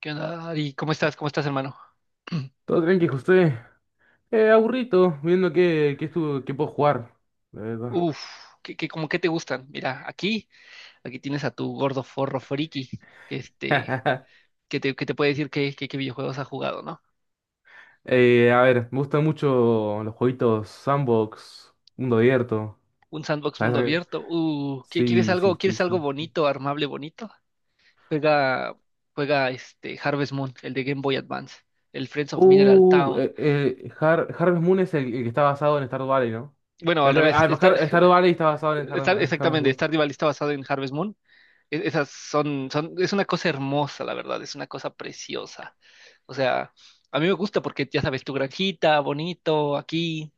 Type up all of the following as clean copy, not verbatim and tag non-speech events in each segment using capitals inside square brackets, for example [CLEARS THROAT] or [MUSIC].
¿Qué onda, Ari? ¿Cómo estás? ¿Cómo estás, hermano? Todo tranqui, José. Aburrito, viendo qué puedo jugar, la verdad. Uf, cómo que te gustan? Mira, aquí tienes a tu gordo forro friki, que este, [LAUGHS] que te puede decir qué videojuegos ha jugado, ¿no? A ver, me gustan mucho los jueguitos sandbox, mundo abierto. Un sandbox mundo ¿Sabes? abierto. Uh, ¿qui- ¿quieres Sí, sí, algo, sí, quieres algo sí. bonito, armable, bonito? Juega, juega este Harvest Moon, el de Game Boy Advance, el Friends of Mineral Town. Harvest Moon es el que está basado en Stardew Valley, ¿no? Bueno, al revés, Stardew Valley está basado en Har- [LAUGHS] Harvest exactamente, Moon. Stardew Valley está basado en Harvest Moon. Esas es una cosa hermosa, la verdad, es una cosa preciosa. O sea, a mí me gusta porque ya sabes, tu granjita, bonito, aquí,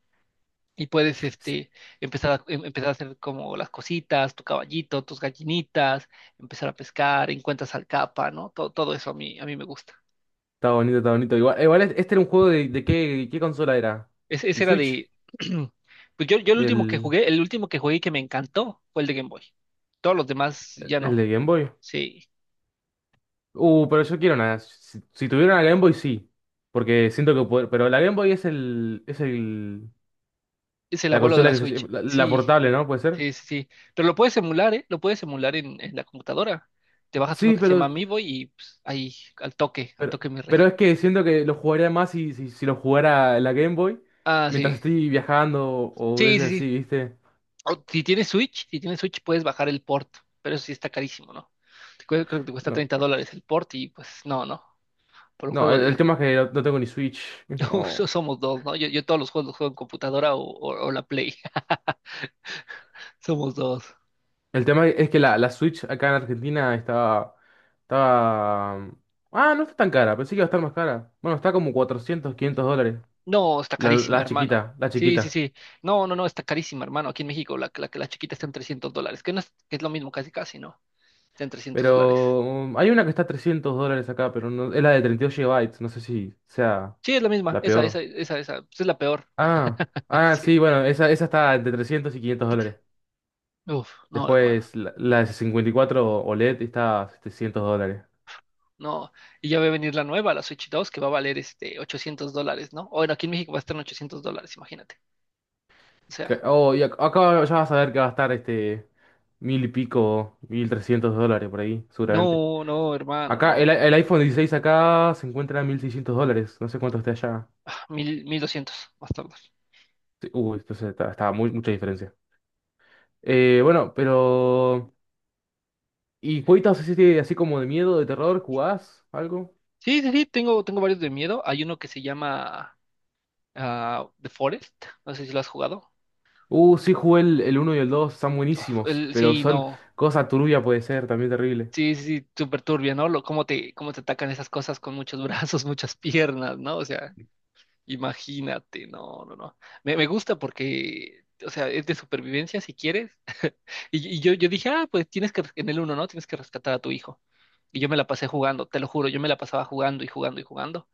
y puedes empezar a hacer como las cositas, tu caballito, tus gallinitas, empezar a pescar, encuentras al capa, ¿no? Todo eso a mí me gusta. Está bonito, está bonito. Igual, este era un juego de qué consola era. Ese ¿El era Switch? de... [CLEARS THROAT] Pues yo el último que ¿Del, jugué, el último que jugué y que me encantó fue el de Game Boy. Todos los demás ya el no. de Game Boy? Sí. Pero yo quiero una. Si tuviera una Game Boy, sí. Porque siento que poder. Pero la Game Boy es el. Es el. Es el La abuelo de consola la que se Switch. lle- La Sí, portable, ¿no? ¿Puede ser? sí, sí, sí. Pero lo puedes emular, ¿eh? Lo puedes emular en la computadora. Te bajas uno Sí, que se llama pero. Amiibo y pues, ahí, al Pero, toque, mi rey. pero es que siento que lo jugaría más si lo jugara en la Game Boy. Ah, Mientras sí. estoy viajando o Sí, sí, boludeces así, sí. ¿viste? O, si tienes Switch puedes bajar el port, pero eso sí está carísimo, ¿no? Creo que te cuesta No. $30 el port y pues no, no. Por un No, juego el de... tema es que no tengo ni Switch. [LAUGHS] [LAUGHS] No. Somos dos, ¿no? Yo todos los juegos los juego en computadora o la Play. [LAUGHS] Somos dos. El tema es que la Switch acá en Argentina estaba. Ah, no está tan cara. Pensé que iba a estar más cara. Bueno, está como 400 500 dólares. No, está La, carísima, la hermano. chiquita, la Sí, sí, chiquita. sí. No, no, no, está carísima, hermano. Aquí en México la chiquita está en $300, que no es, que es lo mismo casi, casi, ¿no? Está en trescientos Pero dólares. Hay una que está a $300 acá, pero no, es la de 32 gigabytes. No sé si sea Sí, es la misma. la Esa, esa, peor. esa, esa. Pues es la peor. Ah, [LAUGHS] Sí. sí, bueno, esa está entre 300 y 500 dólares. Uf, no, hermano. Después la de 54 OLED está a $700. No. Y ya va a venir la nueva, la Switch 2, que va a valer $800, ¿no? Bueno, aquí en México va a estar en $800, imagínate. O sea, Oh, y acá ya vas a ver que va a estar este mil y pico, $1.300 por ahí, seguramente. no, no, hermano, Acá el, no. el iPhone 16 acá se encuentra a $1.600. No sé cuánto esté allá. Ah, mil doscientos, más tarde. Sí, uy, entonces está muy, mucha diferencia. Bueno, pero... ¿Y jueguitos así, así como de miedo, de terror? ¿Jugás algo? Sí, sí, sí, tengo varios de miedo. Hay uno que se llama... ah, The Forest, no sé si lo has jugado. Sí, jugué el uno y el 2 están Uf, buenísimos, pero sí, son no, cosa turbia puede ser, también terrible. sí, sí, sí, súper turbio, ¿no? Cómo te atacan esas cosas con muchos [LAUGHS] brazos, muchas piernas, ¿no? O sea, imagínate, no, no, no. Me gusta porque, o sea, es de supervivencia si quieres. [LAUGHS] Y yo dije, ah, pues en el uno, ¿no? Tienes que rescatar a tu hijo. Y yo me la pasé jugando, te lo juro, yo me la pasaba jugando y jugando y jugando.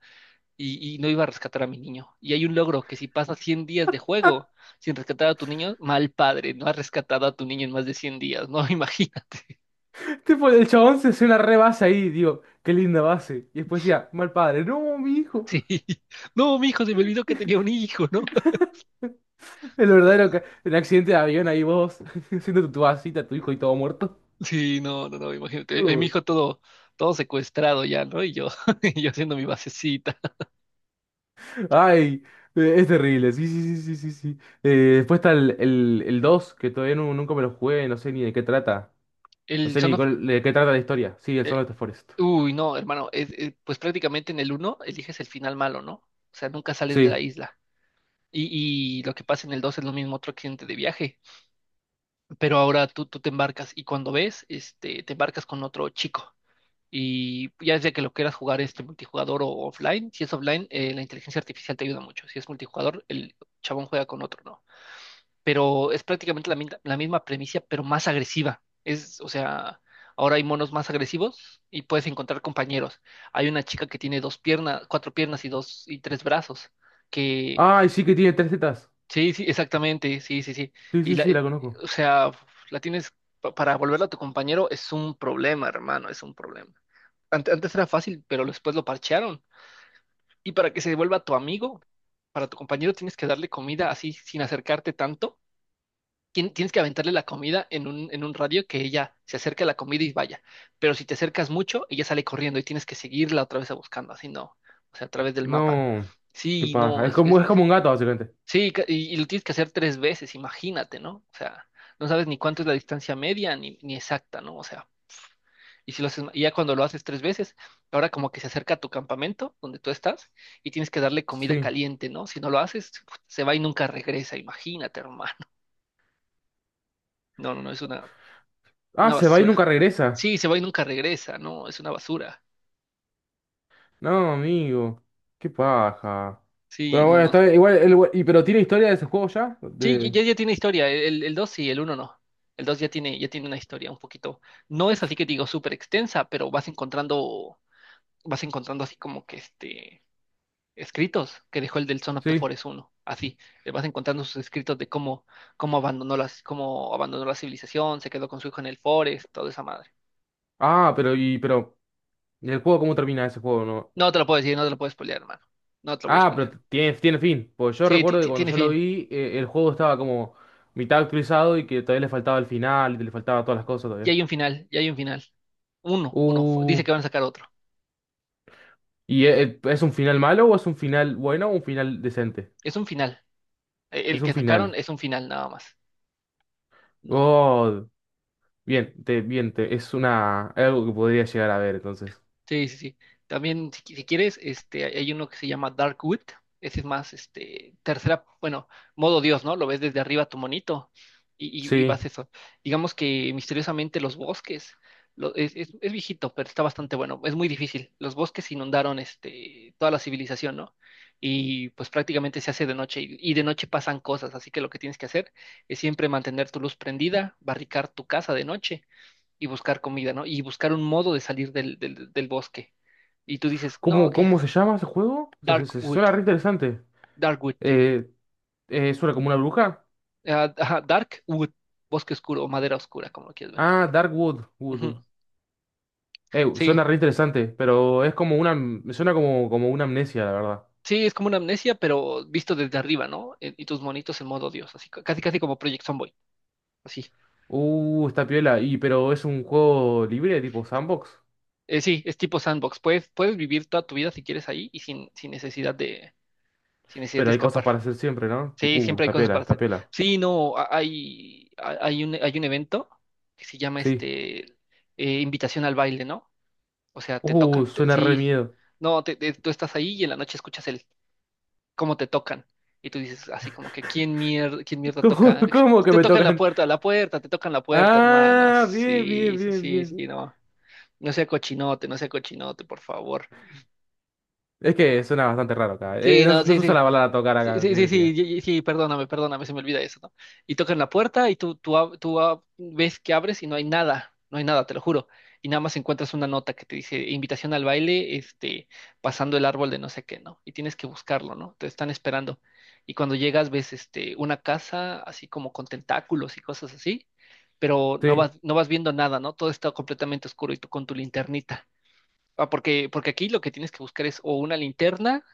Y no iba a rescatar a mi niño. Y hay un logro que si pasas 100 días de juego sin rescatar a tu niño, mal padre, no has rescatado a tu niño en más de 100 días, ¿no? [LAUGHS] Imagínate. [LAUGHS] Tipo, el chabón se hace una re base ahí, digo, qué linda base. Y después decía, mal padre, no, mi hijo. Sí. No, mi hijo, se me olvidó que tenía un hijo, ¿no? [LAUGHS] El verdadero, [LAUGHS] el accidente de avión ahí vos, [LAUGHS] haciendo tu vasita, tu hijo y todo muerto. Sí, no, no, no, imagínate. Mi No. hijo todo secuestrado ya, ¿no? Y yo, [LAUGHS] y yo haciendo mi basecita. [LAUGHS] Ay, es terrible, sí, sí, sí, sí, sí, sí. Después está el 2 que todavía nunca me lo jugué, no sé ni de qué trata. No El sé Son ni of- de qué trata la historia. Sí, el Song eh, of the Forest. uy, no, hermano, pues prácticamente en el uno eliges el final malo, ¿no? O sea, nunca sales de la Sí. isla. Y lo que pasa en el 2 es lo mismo, otro accidente de viaje. Pero ahora tú te embarcas y cuando ves, te embarcas con otro chico. Y ya desde que lo quieras jugar multijugador o offline, si es offline, la inteligencia artificial te ayuda mucho. Si es multijugador, el chabón juega con otro, ¿no? Pero es prácticamente la misma premisa, pero más agresiva. O sea, ahora hay monos más agresivos y puedes encontrar compañeros. Hay una chica que tiene dos piernas, cuatro piernas y dos y tres brazos, que. Ay, sí que tiene tres tetas. Sí, sí, exactamente, sí, sí, sí. Sí, Y sí, la, sí, la el- conozco. o sea, la tienes para volverla a tu compañero es un problema, hermano, es un problema. Antes, era fácil, pero después lo parchearon. Y para que se vuelva tu amigo, para tu compañero tienes que darle comida así sin acercarte tanto. Tienes que aventarle la comida en un radio que ella se acerque a la comida y vaya. Pero si te acercas mucho, ella sale corriendo y tienes que seguirla otra vez a buscando, así no, o sea, a través del mapa. No. Qué Sí, paja. no, Es como un gato, básicamente. sí, y lo tienes que hacer 3 veces, imagínate, ¿no? O sea, no sabes ni cuánto es la distancia media ni exacta, ¿no? O sea, y si lo haces, y ya cuando lo haces 3 veces, ahora como que se acerca a tu campamento donde tú estás y tienes que darle comida Sí. caliente, ¿no? Si no lo haces, se va y nunca regresa, imagínate, hermano. [LAUGHS] No, no, no, es una, Ah, una se va y basura. nunca regresa. Sí, se va y nunca regresa, no, es una basura. No, amigo. Qué paja. Sí, Bueno, no, bueno, no. está No. bien. Igual, pero ¿tiene historia de ese juego ya? Sí, ya, De... ya ya tiene historia. El 2 sí, el uno no. El 2 ya tiene una historia un poquito. No es así que digo súper extensa, pero vas encontrando así como que escritos que dejó el del Son of the Sí. Forest uno así, le vas encontrando sus escritos de cómo abandonó la civilización, se quedó con su hijo en el Forest, toda esa madre. Ah, pero. ¿Y el juego cómo termina ese juego, no? No te lo puedo decir, no te lo puedes pelear, hermano. No te lo voy a Ah, pero pelear. tiene fin. Pues yo Sí, recuerdo que cuando tiene yo lo fin. vi, el juego estaba como mitad actualizado y que todavía le faltaba el final, y le faltaba todas las cosas Ya todavía. hay un final, ya hay un final. Uno, uno. Uh, Dice que van a sacar otro. es un final malo o es un final bueno o un final decente? Es un final. El Es un que sacaron final. es un final nada más. No. Oh, bien, algo que podría llegar a ver entonces. Sí, sí, sí. También, si quieres, hay uno que se llama Darkwood. Ese es más, tercera, bueno, modo Dios, ¿no? Lo ves desde arriba tu monito y vas Sí. eso. Digamos que misteriosamente los bosques, es viejito, pero está bastante bueno. Es muy difícil. Los bosques inundaron, toda la civilización, ¿no? Y pues prácticamente se hace de noche y de noche pasan cosas. Así que lo que tienes que hacer es siempre mantener tu luz prendida, barricar tu casa de noche y buscar comida, ¿no? Y buscar un modo de salir del bosque. Y tú dices, no, ¿Cómo, que cómo se llama ese juego? Darkwood, Suena re interesante. Darkwood, Eh, ¿Suena como una bruja? ah, ajá, dark wood bosque oscuro o madera oscura, como lo quieres ver. Ah, Dark Wood. Ujú. Sí, Suena re interesante, pero me suena como una amnesia, la verdad. sí, es como una amnesia, pero visto desde arriba, ¿no? Y tus monitos en modo Dios, así casi casi como Project Zomboid, así. Está piola. Y pero es un juego libre, tipo sandbox. Sí, es tipo sandbox. Puedes vivir toda tu vida si quieres ahí y sin, sin necesidad de, sin necesidad Pero de hay cosas escapar. para hacer siempre, ¿no? Tipo, Sí, siempre hay está cosas piola, para está hacer. piola. Sí, no, hay un evento que se llama Sí. Invitación al baile, ¿no? O sea, te tocan, Suena re sí, miedo. no, tú estás ahí y en la noche escuchas el cómo te tocan y tú dices así como que quién [LAUGHS] mierda ¿Cómo, toca, cómo [LAUGHS] que te me tocan tocan? La puerta, te tocan la puerta, hermano. Ah, bien, bien, Sí, sí, bien, sí, bien. sí, no, no sea cochinote, no sea cochinote, por favor. Es que suena bastante raro acá. Sí, no, no, no sí, se usa sí. la bala a tocar Sí, acá, sí, ¿qué querés sí, que te diga? sí, sí, perdóname, perdóname, se me olvida eso, ¿no? Y tocan la puerta y tú ves que abres y no hay nada, no hay nada, te lo juro. Y nada más encuentras una nota que te dice invitación al baile, pasando el árbol de no sé qué, ¿no? Y tienes que buscarlo, ¿no? Te están esperando. Y cuando llegas ves, una casa así como con tentáculos y cosas así, pero no vas, Sí, no vas viendo nada, ¿no? Todo está completamente oscuro y tú con tu linternita. Ah, porque aquí lo que tienes que buscar es o una linterna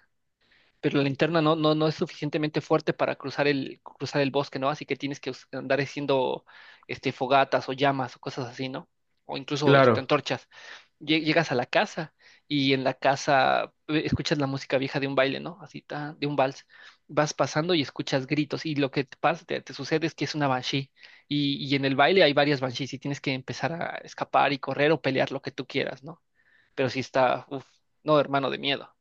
pero la linterna no es suficientemente fuerte para cruzar el bosque, ¿no? Así que tienes que andar haciendo fogatas o llamas o cosas así, ¿no? O incluso claro. antorchas. Llegas a la casa y en la casa escuchas la música vieja de un baile, ¿no? Así, ta, de un vals. Vas pasando y escuchas gritos y lo que te pasa, te sucede es que es una banshee y en el baile hay varias banshees y tienes que empezar a escapar y correr o pelear lo que tú quieras, ¿no? Pero sí está, uff, no, hermano, de miedo.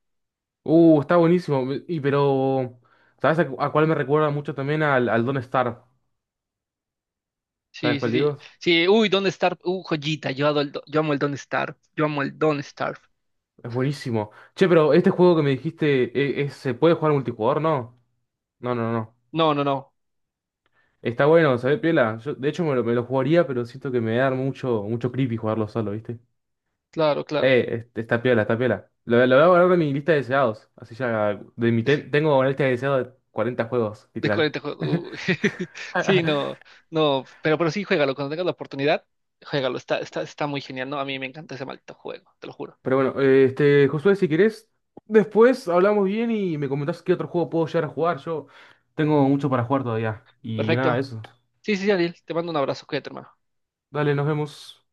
Está buenísimo. Y pero, ¿sabes a cuál me recuerda mucho también al Don't Starve? ¿Sabes Sí, sí, cuál sí. digo? Sí, uy, Don't Starve. Joyita. Yo amo el Don't Starve. Yo amo el Don't Starve. Es buenísimo. Che, pero este juego que me dijiste, ¿se puede jugar multijugador? No. No, no, no. No, no, no. Está bueno, ¿sabés, Piola? Yo, de hecho, me lo jugaría, pero siento que me da mucho, mucho creepy jugarlo solo, ¿viste? Claro, claro. Está piola, está piola. Lo voy a guardar en mi lista de deseados. Así ya, tengo una lista de deseados de 40 juegos, De literal. 40 juegos. Uy. [LAUGHS] Sí, [LAUGHS] no, no. Pero sí, juégalo. Cuando tengas la oportunidad, juégalo. Está muy genial, ¿no? A mí me encanta ese maldito juego, te lo juro. Pero bueno, este, Josué, si querés, después hablamos bien y me comentás qué otro juego puedo llegar a jugar. Yo tengo mucho para jugar todavía. Y nada, Perfecto. eso. Sí, sí, sí, Ariel. Te mando un abrazo. Cuídate, hermano. Dale, nos vemos.